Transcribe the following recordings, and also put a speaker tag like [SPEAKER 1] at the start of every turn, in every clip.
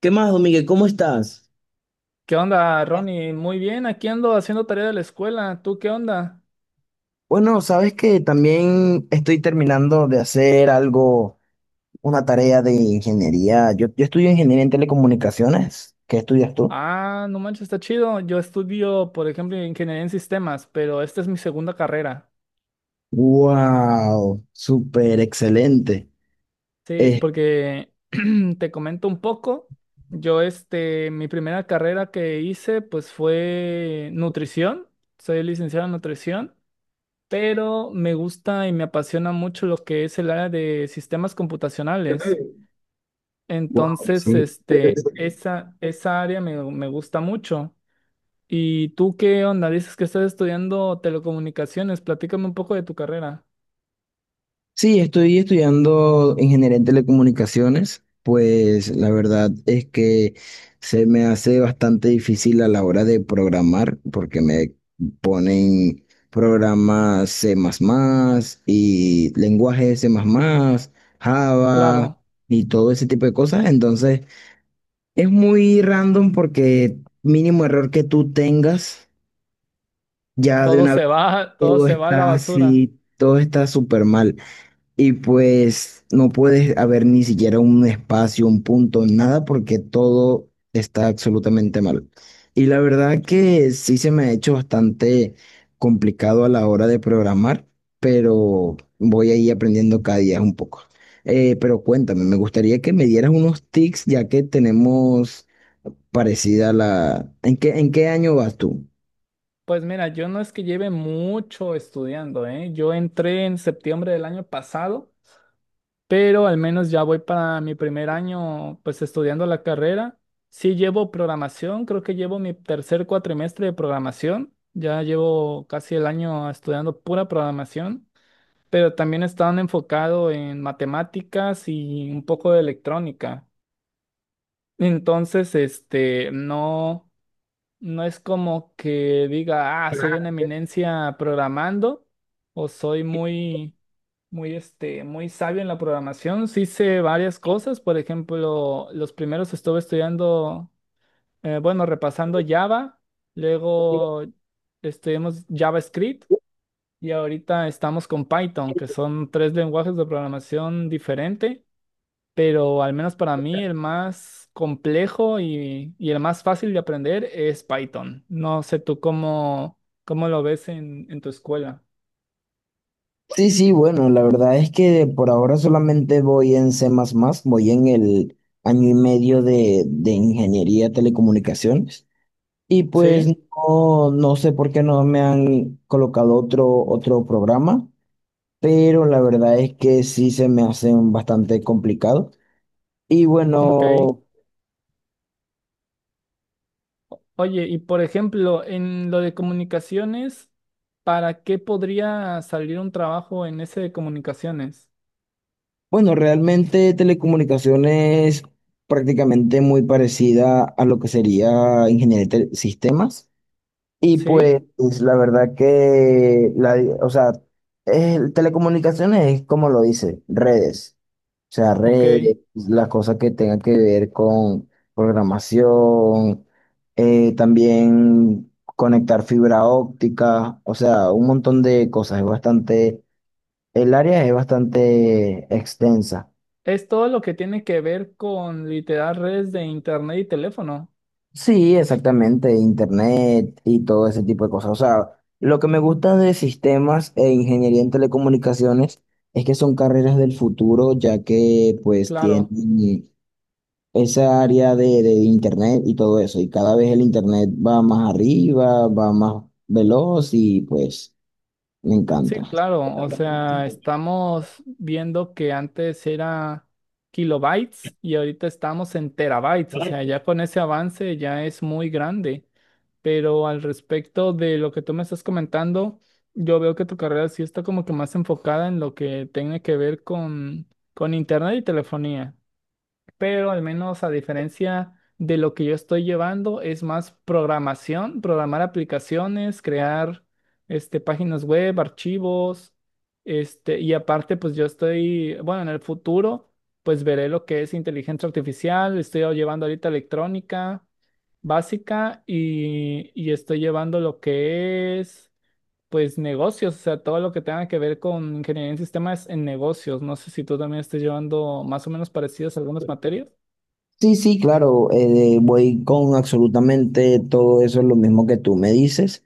[SPEAKER 1] ¿Qué más, don Miguel? ¿Cómo estás?
[SPEAKER 2] ¿Qué onda, Ronnie? Muy bien, aquí ando haciendo tarea de la escuela. ¿Tú qué onda?
[SPEAKER 1] Bueno, sabes que también estoy terminando de hacer algo, una tarea de ingeniería. Yo estudio ingeniería en telecomunicaciones. ¿Qué estudias tú?
[SPEAKER 2] Ah, no manches, está chido. Yo estudio, por ejemplo, ingeniería en sistemas, pero esta es mi segunda carrera.
[SPEAKER 1] Wow, súper excelente.
[SPEAKER 2] Sí,
[SPEAKER 1] Eh,
[SPEAKER 2] porque te comento un poco. Yo, mi primera carrera que hice, pues fue nutrición. Soy licenciado en nutrición, pero me gusta y me apasiona mucho lo que es el área de sistemas computacionales.
[SPEAKER 1] wow,
[SPEAKER 2] Entonces,
[SPEAKER 1] sí.
[SPEAKER 2] esa área me gusta mucho. ¿Y tú qué onda? Dices que estás estudiando telecomunicaciones. Platícame un poco de tu carrera.
[SPEAKER 1] Sí, estoy estudiando ingeniería en telecomunicaciones, pues la verdad es que se me hace bastante difícil a la hora de programar porque me ponen programas C++ y lenguajes C++, Java
[SPEAKER 2] Claro,
[SPEAKER 1] y todo ese tipo de cosas. Entonces es muy random porque mínimo error que tú tengas, ya de
[SPEAKER 2] todo
[SPEAKER 1] una
[SPEAKER 2] se
[SPEAKER 1] vez
[SPEAKER 2] va, todo
[SPEAKER 1] todo
[SPEAKER 2] se va a la
[SPEAKER 1] está
[SPEAKER 2] basura.
[SPEAKER 1] así, todo está súper mal. Y pues no puedes haber ni siquiera un espacio, un punto, nada, porque todo está absolutamente mal. Y la verdad que sí se me ha hecho bastante complicado a la hora de programar, pero voy a ir aprendiendo cada día un poco. Pero cuéntame, me gustaría que me dieras unos tips, ya que tenemos parecida la... ¿En qué año vas tú?
[SPEAKER 2] Pues mira, yo no es que lleve mucho estudiando, ¿eh? Yo entré en septiembre del año pasado, pero al menos ya voy para mi primer año, pues estudiando la carrera. Sí llevo programación, creo que llevo mi tercer cuatrimestre de programación, ya llevo casi el año estudiando pura programación, pero también estaba enfocado en matemáticas y un poco de electrónica. Entonces, no, no es como que diga, ah, soy una eminencia programando o soy muy, muy sabio en la programación. Sí hice varias cosas. Por ejemplo, los primeros estuve estudiando, bueno, repasando Java, luego estudiamos JavaScript y ahorita estamos con Python, que son tres lenguajes de programación diferente, pero al menos para mí el más complejo y el más fácil de aprender es Python. No sé tú cómo lo ves en tu escuela.
[SPEAKER 1] Sí, sí, bueno, la verdad es que por ahora solamente voy en C++, voy en el año y medio de ingeniería de telecomunicaciones y pues
[SPEAKER 2] Sí,
[SPEAKER 1] no, no sé por qué no me han colocado otro, otro programa, pero la verdad es que sí se me hacen bastante complicado. Y
[SPEAKER 2] ok.
[SPEAKER 1] bueno,
[SPEAKER 2] Oye, y por ejemplo, en lo de comunicaciones, ¿para qué podría salir un trabajo en ese de comunicaciones?
[SPEAKER 1] bueno, realmente telecomunicaciones prácticamente muy parecida a lo que sería ingeniería de sistemas. Y
[SPEAKER 2] ¿Sí?
[SPEAKER 1] pues la verdad que, la, o sea, telecomunicaciones es como lo dice, redes. O sea,
[SPEAKER 2] Ok.
[SPEAKER 1] redes, las cosas que tengan que ver con programación, también conectar fibra óptica, o sea, un montón de cosas. Es bastante, el área es bastante extensa.
[SPEAKER 2] Es todo lo que tiene que ver con literal redes de internet y teléfono.
[SPEAKER 1] Sí, exactamente, internet y todo ese tipo de cosas. O sea, lo que me gusta de sistemas e ingeniería en telecomunicaciones es que son carreras del futuro, ya que pues
[SPEAKER 2] Claro.
[SPEAKER 1] tienen esa área de internet y todo eso. Y cada vez el internet va más arriba, va más veloz y pues me
[SPEAKER 2] Sí,
[SPEAKER 1] encanta.
[SPEAKER 2] claro, o sea, estamos viendo que antes era kilobytes y ahorita estamos en terabytes, o sea, ya con ese avance ya es muy grande. Pero al respecto de lo que tú me estás comentando, yo veo que tu carrera sí está como que más enfocada en lo que tiene que ver con internet y telefonía, pero al menos a diferencia de lo que yo estoy llevando, es más programación, programar aplicaciones, crear, páginas web, archivos, y aparte, pues yo estoy, bueno, en el futuro, pues veré lo que es inteligencia artificial, estoy llevando ahorita electrónica básica y estoy llevando lo que es, pues, negocios, o sea, todo lo que tenga que ver con ingeniería en sistemas en negocios. No sé si tú también estés llevando más o menos parecidas algunas materias.
[SPEAKER 1] Sí, sí, claro, voy con absolutamente todo eso, lo mismo que tú me dices.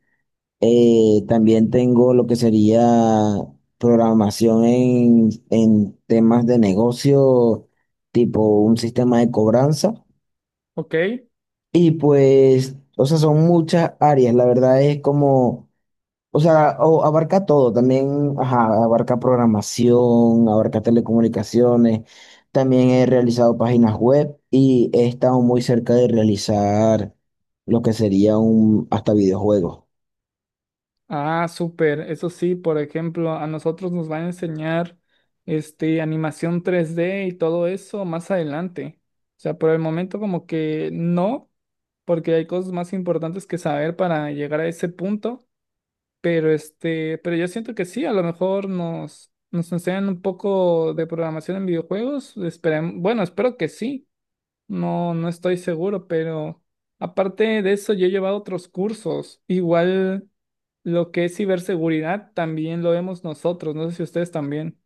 [SPEAKER 1] También tengo lo que sería programación en temas de negocio, tipo un sistema de cobranza.
[SPEAKER 2] Ok,
[SPEAKER 1] Y pues, o sea, son muchas áreas. La verdad es como, o sea, abarca todo. También, ajá, abarca programación, abarca telecomunicaciones. También he realizado páginas web y he estado muy cerca de realizar lo que sería un, hasta videojuegos.
[SPEAKER 2] ah, súper. Eso sí, por ejemplo, a nosotros nos van a enseñar animación tres d y todo eso más adelante. O sea, por el momento como que no, porque hay cosas más importantes que saber para llegar a ese punto. Pero este, pero yo siento que sí, a lo mejor nos enseñan un poco de programación en videojuegos. Bueno, espero que sí. No, no estoy seguro, pero aparte de eso, yo he llevado otros cursos. Igual. Lo que es ciberseguridad también lo vemos nosotros, no sé si ustedes también.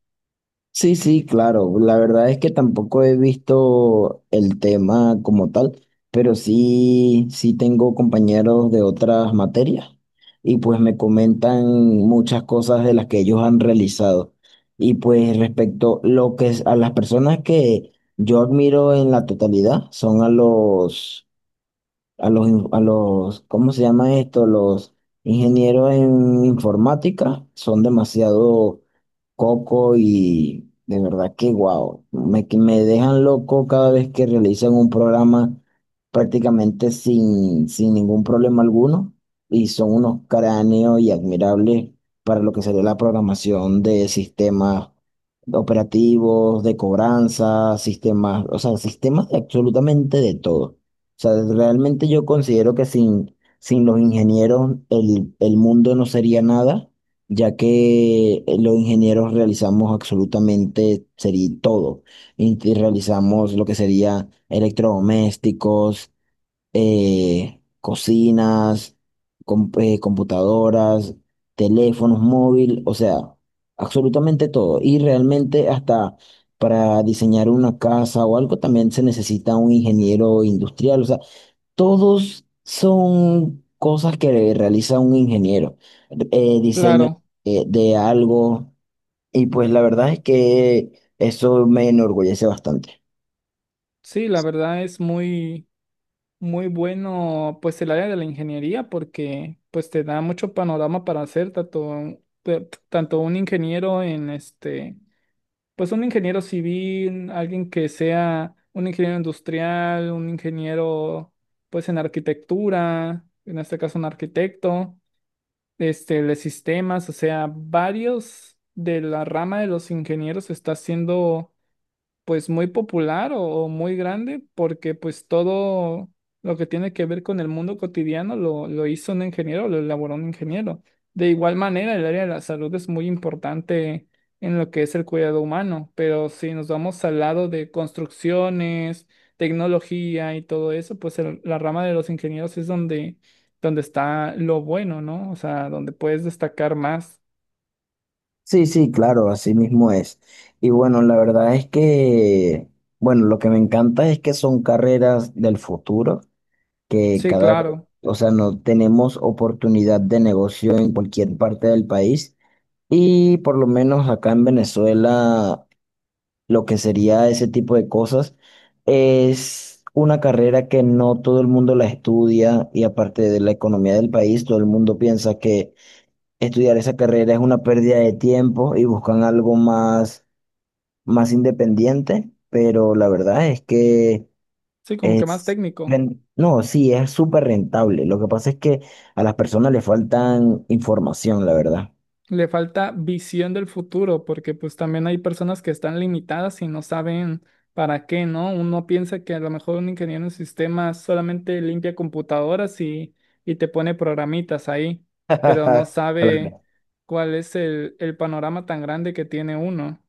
[SPEAKER 1] Sí, sí, claro. La verdad es que tampoco he visto el tema como tal, pero sí, sí tengo compañeros de otras materias y pues me comentan muchas cosas de las que ellos han realizado. Y pues respecto lo que a las personas que yo admiro en la totalidad son a a a los, ¿cómo se llama esto? Los ingenieros en informática son demasiado Coco y de verdad que guau, me, que me dejan loco cada vez que realizan un programa prácticamente sin ningún problema alguno y son unos cráneos y admirables para lo que sería la programación de sistemas operativos, de cobranza, sistemas, o sea, sistemas de absolutamente de todo. O sea, realmente yo considero que sin los ingenieros el mundo no sería nada ya que los ingenieros realizamos absolutamente sería todo. Y realizamos lo que sería electrodomésticos, cocinas, computadoras, teléfonos móvil, o sea, absolutamente todo. Y realmente hasta para diseñar una casa o algo también se necesita un ingeniero industrial. O sea, todos son cosas que realiza un ingeniero, diseño
[SPEAKER 2] Claro,
[SPEAKER 1] de algo, y pues la verdad es que eso me enorgullece bastante.
[SPEAKER 2] sí, la verdad es muy bueno pues el área de la ingeniería porque pues te da mucho panorama para hacer tanto, tanto un ingeniero en este, pues un ingeniero civil, alguien que sea un ingeniero industrial, un ingeniero pues en arquitectura, en este caso un arquitecto. Este, de sistemas, o sea, varios de la rama de los ingenieros está haciendo pues muy popular o muy grande, porque pues todo lo que tiene que ver con el mundo cotidiano lo hizo un ingeniero, lo elaboró un ingeniero. De igual manera, el área de la salud es muy importante en lo que es el cuidado humano, pero si nos vamos al lado de construcciones, tecnología y todo eso, pues la rama de los ingenieros es donde, donde está lo bueno, ¿no? O sea, donde puedes destacar más.
[SPEAKER 1] Sí, sí, claro, así mismo es. Y bueno, la verdad es que, bueno, lo que me encanta es que son carreras del futuro, que
[SPEAKER 2] Sí,
[SPEAKER 1] cada,
[SPEAKER 2] claro.
[SPEAKER 1] o sea, no tenemos oportunidad de negocio en cualquier parte del país. Y por lo menos acá en Venezuela lo que sería ese tipo de cosas. Es una carrera que no todo el mundo la estudia y aparte de la economía del país, todo el mundo piensa que estudiar esa carrera es una pérdida de tiempo y buscan algo más, más independiente, pero la verdad es que
[SPEAKER 2] Sí, como que más
[SPEAKER 1] es...
[SPEAKER 2] técnico.
[SPEAKER 1] No, sí, es súper rentable. Lo que pasa es que a las personas les faltan información, la verdad.
[SPEAKER 2] Le falta visión del futuro, porque pues también hay personas que están limitadas y no saben para qué, ¿no? Uno piensa que a lo mejor un ingeniero en sistemas solamente limpia computadoras y te pone programitas ahí, pero no sabe
[SPEAKER 1] Claro.
[SPEAKER 2] cuál es el panorama tan grande que tiene uno.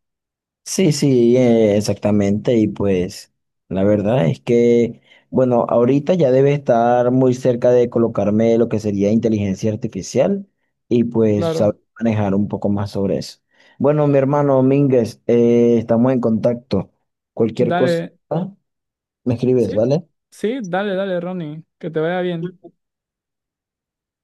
[SPEAKER 1] Sí, sí, exactamente. Y pues la verdad es que, bueno, ahorita ya debe estar muy cerca de colocarme lo que sería inteligencia artificial y pues
[SPEAKER 2] Claro,
[SPEAKER 1] saber manejar un poco más sobre eso. Bueno, mi hermano Mínguez, estamos en contacto. Cualquier cosa,
[SPEAKER 2] dale,
[SPEAKER 1] me escribes,
[SPEAKER 2] sí,
[SPEAKER 1] ¿vale?
[SPEAKER 2] sí, dale, dale, Ronnie, que te vaya bien.